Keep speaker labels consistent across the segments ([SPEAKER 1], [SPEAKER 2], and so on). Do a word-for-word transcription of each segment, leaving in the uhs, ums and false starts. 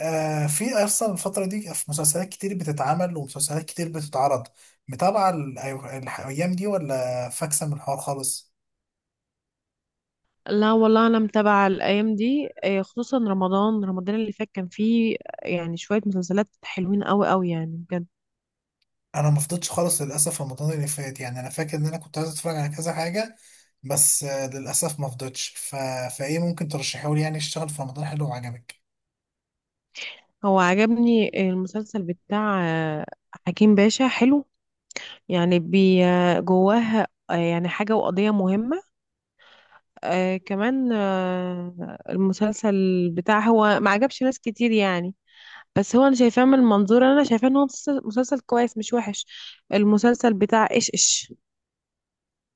[SPEAKER 1] آه في اصلا الفتره دي في مسلسلات كتير بتتعمل ومسلسلات كتير بتتعرض. متابعه ال- أي- الايام دي ولا فاكسه من الحوار خالص؟
[SPEAKER 2] لا والله، انا متابعه الايام دي، آه، خصوصا رمضان رمضان اللي فات كان فيه يعني شويه مسلسلات حلوين قوي قوي يعني بجد.
[SPEAKER 1] انا ما فضيتش خالص للاسف رمضان اللي فات، يعني انا فاكر ان انا كنت عايز اتفرج على كذا حاجه، بس آه للاسف ما فضيتش. ف... فايه ممكن ترشحه لي يعني اشتغل في رمضان حلو وعجبك؟
[SPEAKER 2] هو عجبني المسلسل بتاع آه، حكيم باشا، حلو. يعني بي آه، جواه آه، يعني حاجه وقضيه مهمه. آه كمان آه المسلسل بتاع، هو ما عجبش ناس كتير يعني، بس هو انا شايفاه من منظور. انا شايفاه ان هو مسلسل مسلسل كويس، مش وحش. المسلسل بتاع ايش ايش،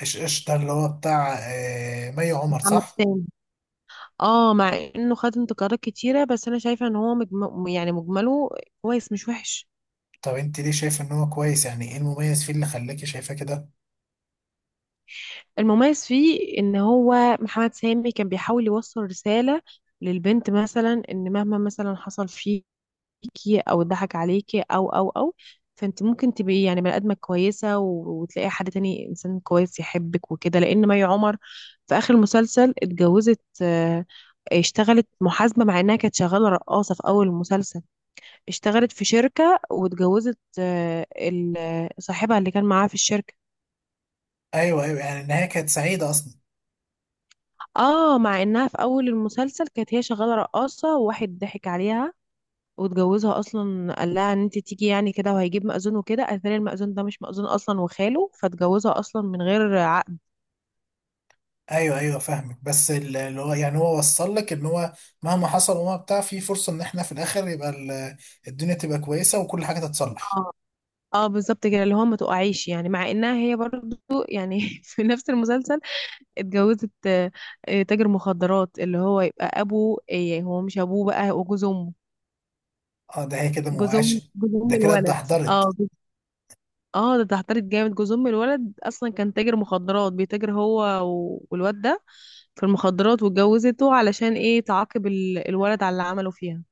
[SPEAKER 1] ايش ايش ده اللي هو بتاع آه مي عمر
[SPEAKER 2] محمد
[SPEAKER 1] صح؟
[SPEAKER 2] سامي. اه، مع انه خد انتقادات كتيرة، بس انا شايفة ان هو مجم... يعني مجمله كويس، مش وحش.
[SPEAKER 1] طب انت ليه شايف ان هو كويس؟ يعني ايه المميز فيه اللي خلاكي شايفاه كده؟
[SPEAKER 2] المميز فيه ان هو محمد سامي كان بيحاول يوصل رسالة للبنت، مثلا ان مهما مثلا حصل فيكي او اتضحك عليكي او او او، فانت ممكن تبقي يعني بني ادمة كويسة و... وتلاقي حد تاني، انسان كويس يحبك وكده. لان مي عمر في اخر المسلسل اتجوزت، آه، اشتغلت محاسبة، مع انها كانت شغالة رقاصة في اول المسلسل. اشتغلت في شركة واتجوزت آه، ال- آه، صاحبها اللي كان معاها في الشركة.
[SPEAKER 1] ايوه ايوه، يعني النهايه كانت سعيده اصلا.
[SPEAKER 2] اه، مع انها في اول المسلسل كانت هي شغالة رقاصة وواحد ضحك عليها واتجوزها اصلا، قال لها ان انت تيجي يعني كده وهيجيب مأذون وكده، قالت لي المأذون ده مش مأذون اصلا وخاله، فاتجوزها اصلا من غير عقد.
[SPEAKER 1] ايوه ايوه فاهمك، بس ال- اللي هو يعني هو وصل لك ان هو مهما حصل وما بتاع في فرصه ان احنا في الاخر يبقى ال- الدنيا تبقى كويسه وكل حاجه تتصلح.
[SPEAKER 2] اه اه، بالظبط كده، اللي هو ما تقعيش يعني، مع انها هي برضو يعني في نفس المسلسل اتجوزت آه، آه، تاجر مخدرات، اللي هو يبقى ابوه، إيه، هو مش ابوه، بقى هو جوز امه.
[SPEAKER 1] اه ده هي كده
[SPEAKER 2] جوز أم
[SPEAKER 1] موقعش.
[SPEAKER 2] جوز أم
[SPEAKER 1] ده كده
[SPEAKER 2] الولد،
[SPEAKER 1] اتدحضرت.
[SPEAKER 2] اه جوز- اه، ده اتهترت جامد. جوز أم الولد أصلا كان تاجر مخدرات، بيتاجر هو و- والواد ده في المخدرات، واتجوزته علشان ايه؟ تعاقب ال- الولد على اللي عمله فيها.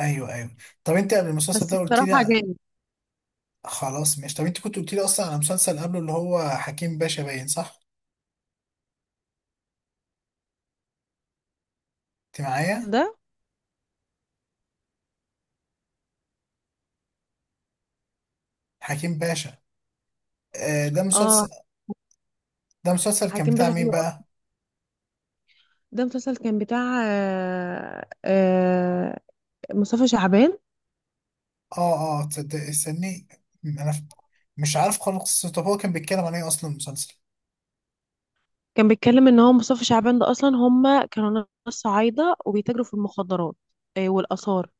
[SPEAKER 1] ايوه ايوه. طب انت قبل المسلسل
[SPEAKER 2] بس
[SPEAKER 1] ده قلت
[SPEAKER 2] بصراحة
[SPEAKER 1] لي.
[SPEAKER 2] جامد.
[SPEAKER 1] خلاص ماشي، طب انت كنت قلت لي اصلا على مسلسل قبله اللي هو حكيم باشا، باين صح؟ انت معايا؟
[SPEAKER 2] ده
[SPEAKER 1] حكيم باشا. آه ده
[SPEAKER 2] اه،
[SPEAKER 1] مسلسل. ده مسلسل كان
[SPEAKER 2] حكيم
[SPEAKER 1] بتاع
[SPEAKER 2] باشا
[SPEAKER 1] مين
[SPEAKER 2] حلو
[SPEAKER 1] بقى؟
[SPEAKER 2] أوي. ده مسلسل كان بتاع آه آه مصطفى شعبان.
[SPEAKER 1] اه اه تصدق استني، انا ف- مش عارف خالص. طب هو كان بيتكلم عن ايه اصلا المسلسل؟
[SPEAKER 2] كان بيتكلم ان هو مصطفى شعبان، ده اصلا هم كانوا ناس صعايده، وبيتاجروا في المخدرات آه، والاثار.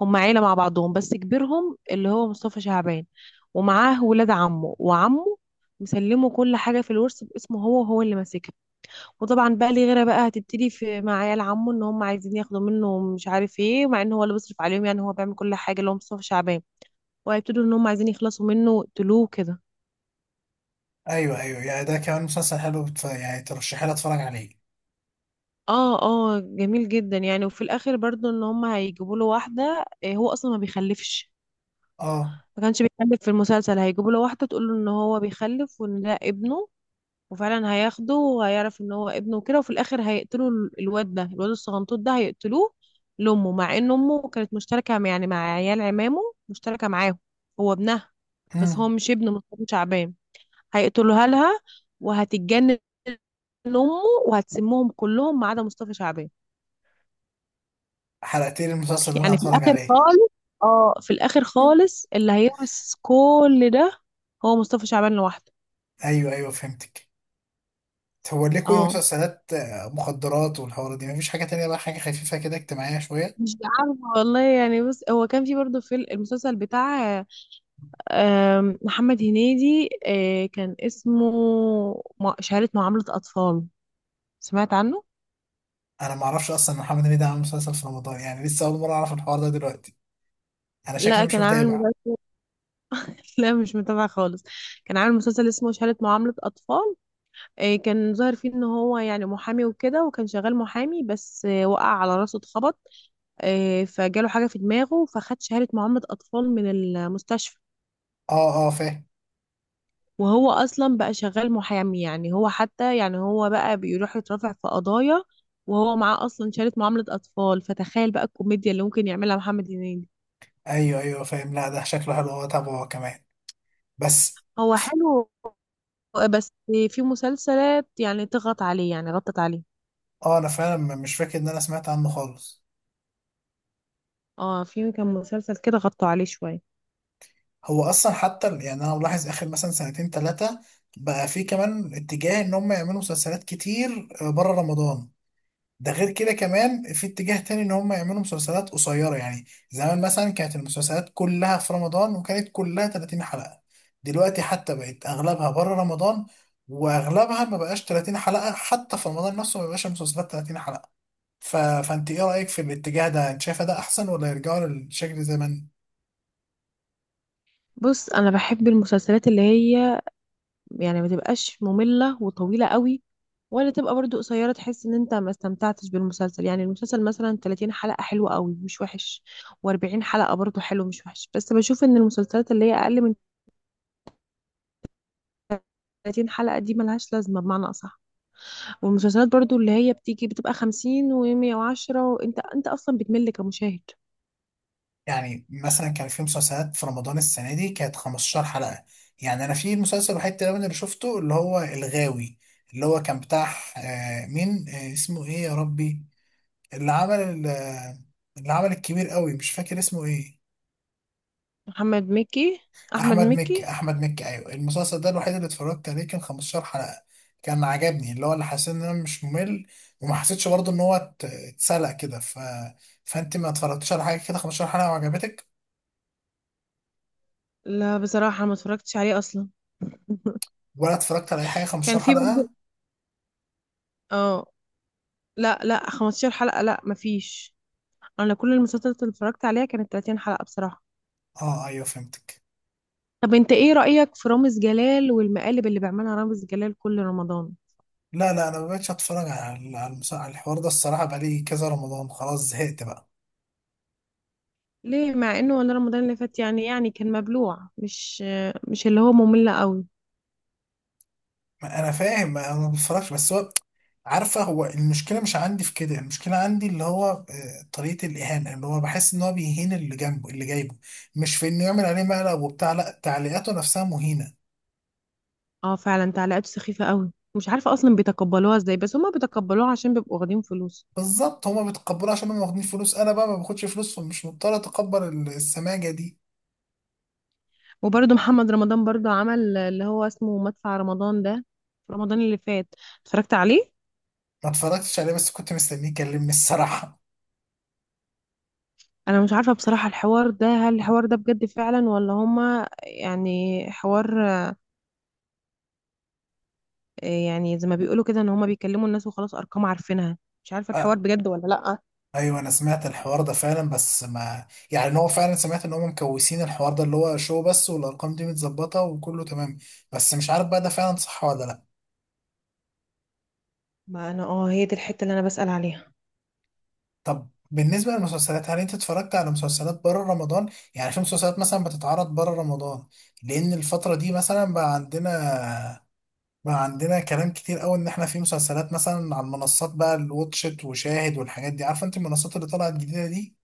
[SPEAKER 2] هم عيله مع بعضهم، بس كبيرهم اللي هو مصطفى شعبان، ومعاه ولاد عمه وعمه. مسلمه كل حاجه في الورث باسمه هو، وهو اللي ماسكها. وطبعا بقى ليه غيره، بقى هتبتدي في مع عيال عمه ان هم عايزين ياخدوا منه مش عارف ايه، مع ان هو اللي بيصرف عليهم، يعني هو بيعمل كل حاجه اللي هو مصطفى شعبان. وهيبتدوا ان هم عايزين يخلصوا منه تلوه كده.
[SPEAKER 1] ايوه ايوه، يعني ده كمان مسلسل حلو، بت- يعني ترشحي لي اتفرج عليه.
[SPEAKER 2] اه اه، جميل جدا يعني. وفي الاخر برضو ان هم هيجيبوا له واحده، آه، هو اصلا ما بيخلفش،
[SPEAKER 1] اه
[SPEAKER 2] ما كانش بيخلف في المسلسل. هيجيبوا له واحده تقول له ان هو بيخلف وان ده ابنه، وفعلا هياخده وهيعرف ان هو ابنه وكده. وفي الاخر هيقتلوا ال- الواد ده، الواد الصغنطوط ده هيقتلوه لامه، مع ان امه كانت مشتركه مع- يعني مع عيال عمامه، مشتركه معاهم، هو ابنها، بس هو
[SPEAKER 1] امم
[SPEAKER 2] مش ابنه مصطفى شعبان. هيقتلوها لها وهتتجنن امه، وهتسمهم كلهم ما عدا مصطفى شعبان.
[SPEAKER 1] حلقتين المسلسل اللي انا
[SPEAKER 2] يعني في
[SPEAKER 1] هتفرج
[SPEAKER 2] الاخر
[SPEAKER 1] عليه.
[SPEAKER 2] خالص، اه، في الاخر خالص اللي هيورث كل ده هو مصطفى شعبان لوحده.
[SPEAKER 1] ايوه ايوه فهمتك. هو ليه كل
[SPEAKER 2] اه،
[SPEAKER 1] مسلسلات آه، مخدرات والحوارات دي؟ مفيش حاجه تانية بقى، حاجه خفيفه كده اجتماعيه شويه؟
[SPEAKER 2] مش عارفه والله يعني. بص، هو كان في برضه في المسلسل بتاع آم، محمد هنيدي، آه، كان اسمه مع- شهادة معاملة أطفال. سمعت عنه؟
[SPEAKER 1] انا ما اعرفش اصلا إن محمد هنيدي عامل مسلسل في رمضان، يعني لسه اول مره اعرف الحوار ده دلوقتي. انا شكلي
[SPEAKER 2] لا،
[SPEAKER 1] مش
[SPEAKER 2] كان عامل
[SPEAKER 1] متابع.
[SPEAKER 2] مسلسل. لا، مش متابعة خالص. كان عامل مسلسل اسمه شهادة معاملة أطفال. آه، كان ظاهر فيه إن هو يعني محامي وكده، وكان شغال محامي، بس آه، وقع على راسه اتخبط، آه، فجاله حاجة في دماغه، فخد شهادة معاملة أطفال من المستشفى.
[SPEAKER 1] اه اه فاهم.
[SPEAKER 2] وهو أصلا بقى شغال محامي، يعني هو حتى يعني هو بقى بيروح يترافع في قضايا وهو معاه أصلا شهادة معاملة أطفال، فتخيل بقى الكوميديا اللي ممكن يعملها محمد هنيدي.
[SPEAKER 1] ايوه ايوه فاهم، لا ده شكله حلو، هو تابعه هو كمان بس.
[SPEAKER 2] هو حلو، بس في مسلسلات يعني تغط عليه، يعني غطت عليه.
[SPEAKER 1] اه انا فعلا م- مش فاكر ان انا سمعت عنه خالص.
[SPEAKER 2] اه، في كان مسلسل كده غطوا عليه شوية.
[SPEAKER 1] هو اصلا حتى ال- يعني انا ملاحظ اخر مثلا سنتين ثلاثه بقى في كمان اتجاه ان هم يعملوا مسلسلات كتير بره رمضان. ده غير كده كمان في اتجاه تاني ان هم يعملوا مسلسلات قصيره، يعني زمان مثلا كانت المسلسلات كلها في رمضان وكانت كلها ثلاثين حلقه. دلوقتي حتى بقت اغلبها بره رمضان، واغلبها ما بقاش ثلاثين حلقه، حتى في رمضان نفسه ما بقاش المسلسلات ثلاثين حلقه. ف... فانت ايه رايك في الاتجاه ده، انت شايفه ده احسن ولا يرجعوا للشكل زمان؟
[SPEAKER 2] بص، أنا بحب المسلسلات اللي هي يعني ما تبقاش مملة وطويلة قوي، ولا تبقى برضو قصيرة تحس ان انت ما استمتعتش بالمسلسل. يعني المسلسل مثلا 30 حلقة حلوة قوي، مش وحش، و40 حلقة برضو حلو مش وحش. بس بشوف ان المسلسلات اللي هي اقل من 30 حلقة دي ملهاش لازمة بمعنى اصح. والمسلسلات برضو اللي هي بتيجي بتبقى خمسين و110، وانت انت اصلا بتمل كمشاهد.
[SPEAKER 1] يعني مثلا كان في مسلسلات في رمضان السنة دي كانت خمس عشرة حلقة. يعني أنا في مسلسل وحيد تقريبا اللي شفته اللي هو الغاوي، اللي هو كان بتاع آه، مين آه، اسمه إيه يا ربي، اللي عمل ال- آه، اللي عمل الكبير قوي، مش فاكر اسمه إيه.
[SPEAKER 2] محمد مكي، احمد
[SPEAKER 1] أحمد
[SPEAKER 2] مكي.
[SPEAKER 1] مكي، أحمد مكي، أيوه. المسلسل ده الوحيد اللي اتفرجت عليه، كان خمس عشرة حلقة. كان عجبني، اللي هو اللي حسيت إن أنا مش ممل وما حسيتش برضه إن هو ات- اتسلق كده. ف... فأنت ما اتفرجتش على حاجة كده خمسة عشر حلقة وعجبتك؟
[SPEAKER 2] لا، بصراحة ما اتفرجتش عليه اصلا.
[SPEAKER 1] ولا اتفرجت على أي حاجة
[SPEAKER 2] كان
[SPEAKER 1] خمس عشرة
[SPEAKER 2] في
[SPEAKER 1] حلقة؟
[SPEAKER 2] برضو اه، لا لا، 15 حلقة، لا مفيش. انا كل المسلسلات اللي اتفرجت عليها كانت 30 حلقة بصراحة.
[SPEAKER 1] اه ايوه فهمتك.
[SPEAKER 2] طب انت ايه رأيك في رامز جلال والمقالب اللي بيعملها رامز جلال كل رمضان؟
[SPEAKER 1] لا لا، انا مبقتش اتفرج على على المس- على الحوار ده الصراحه، بقالي كذا رمضان خلاص زهقت بقى.
[SPEAKER 2] ليه؟ مع انه ولا رمضان اللي فات يعني، يعني كان مبلوع، مش مش اللي هو ممل قوي.
[SPEAKER 1] ما انا فاهم، ما انا ما بتفرجش بس هو، عارفه هو المشكله مش عندي في كده، المشكله عندي اللي هو آه، طريقه الاهانه، اللي هو بحس ان هو بيهين اللي جنبه اللي جايبه، مش في انه يعمل عليه مقلب وبتاع، لا تعليقاته نفسها مهينه.
[SPEAKER 2] اه، فعلا تعليقاته سخيفة قوي، مش عارفة اصلا بيتقبلوها ازاي، بس هما بيتقبلوها عشان بيبقوا واخدين فلوس.
[SPEAKER 1] بالظبط، هما بيتقبلوها عشان هما واخدين فلوس، انا بقى ما باخدش فلوس فمش مضطر اتقبل ال- السماجه دي.
[SPEAKER 2] وبرده محمد رمضان برده عمل اللي هو اسمه مدفع رمضان ده، في رمضان اللي فات اتفرجت عليه.
[SPEAKER 1] ما اتفرجتش عليه، بس كنت مستنيه يكلمني الصراحه.
[SPEAKER 2] انا مش عارفة بصراحة الحوار ده، هل الحوار ده بجد فعلا ولا هما يعني حوار آه، يعني زي ما بيقولوا كده ان هما بيكلموا الناس وخلاص، ارقام عارفينها. مش عارفه الحوار بجد ولا لا.
[SPEAKER 1] ايوه انا سمعت الحوار ده فعلا، بس ما يعني إن هو فعلا، سمعت ان هم مكوسين الحوار ده اللي هو شو، بس والارقام دي متظبطه وكله تمام، بس مش عارف بقى ده فعلا صح ولا لا.
[SPEAKER 2] ما انا اه، هي دي الحته اللي انا بسأل عليها.
[SPEAKER 1] طب بالنسبه للمسلسلات، هل انت اتفرجت على مسلسلات بره رمضان؟ يعني في مسلسلات مثلا بتتعرض بره رمضان، لان الفتره دي مثلا بقى عندنا بقى عندنا كلام كتير قوي ان احنا في مسلسلات مثلا على المنصات بقى، الواتشت وشاهد والحاجات دي، عارفه انت المنصات اللي طلعت جديده دي.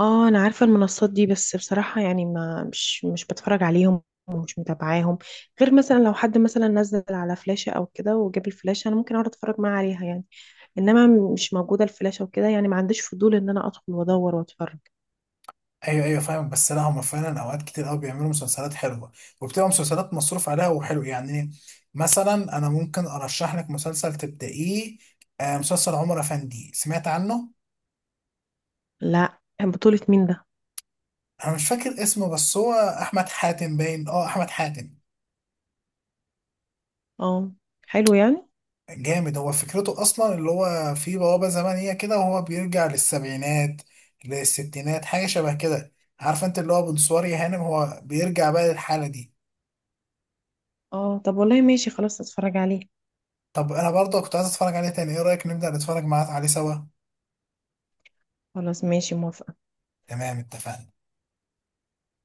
[SPEAKER 2] اه، انا عارفه المنصات دي، بس بصراحه يعني ما مش مش بتفرج عليهم ومش متابعاهم، غير مثلا لو حد مثلا نزل على فلاشه او كده وجاب الفلاشه، انا ممكن اقعد اتفرج معاه عليها يعني. انما مش موجوده الفلاشه وكده، يعني ما عنديش فضول ان انا ادخل وادور واتفرج.
[SPEAKER 1] ايوه ايوه فاهمك، بس لا هما فعلا اوقات كتير قوي بيعملوا مسلسلات حلوه، وبتبقى مسلسلات مصروف عليها وحلو يعني. مثلا انا ممكن ارشح لك مسلسل تبدأيه، آه، مسلسل عمر افندي، سمعت عنه؟
[SPEAKER 2] لا، بطوله مين ده؟
[SPEAKER 1] انا مش فاكر اسمه، بس هو احمد حاتم، باين اه احمد حاتم.
[SPEAKER 2] اه، حلو يعني.
[SPEAKER 1] جامد، هو فكرته اصلا اللي هو في بوابه زمنيه كده، وهو بيرجع للسبعينات، للستينات، حاجه شبه كده. عارف انت اللي هو بنصوري هانم، هو بيرجع بقى للحاله دي.
[SPEAKER 2] اه، طب والله ماشي، خلاص اتفرج عليه.
[SPEAKER 1] طب انا برضه كنت عايز اتفرج عليه تاني، ايه رايك نبدأ نتفرج معاه عليه سوا؟
[SPEAKER 2] خلاص ماشي، موافقه.
[SPEAKER 1] تمام اتفقنا.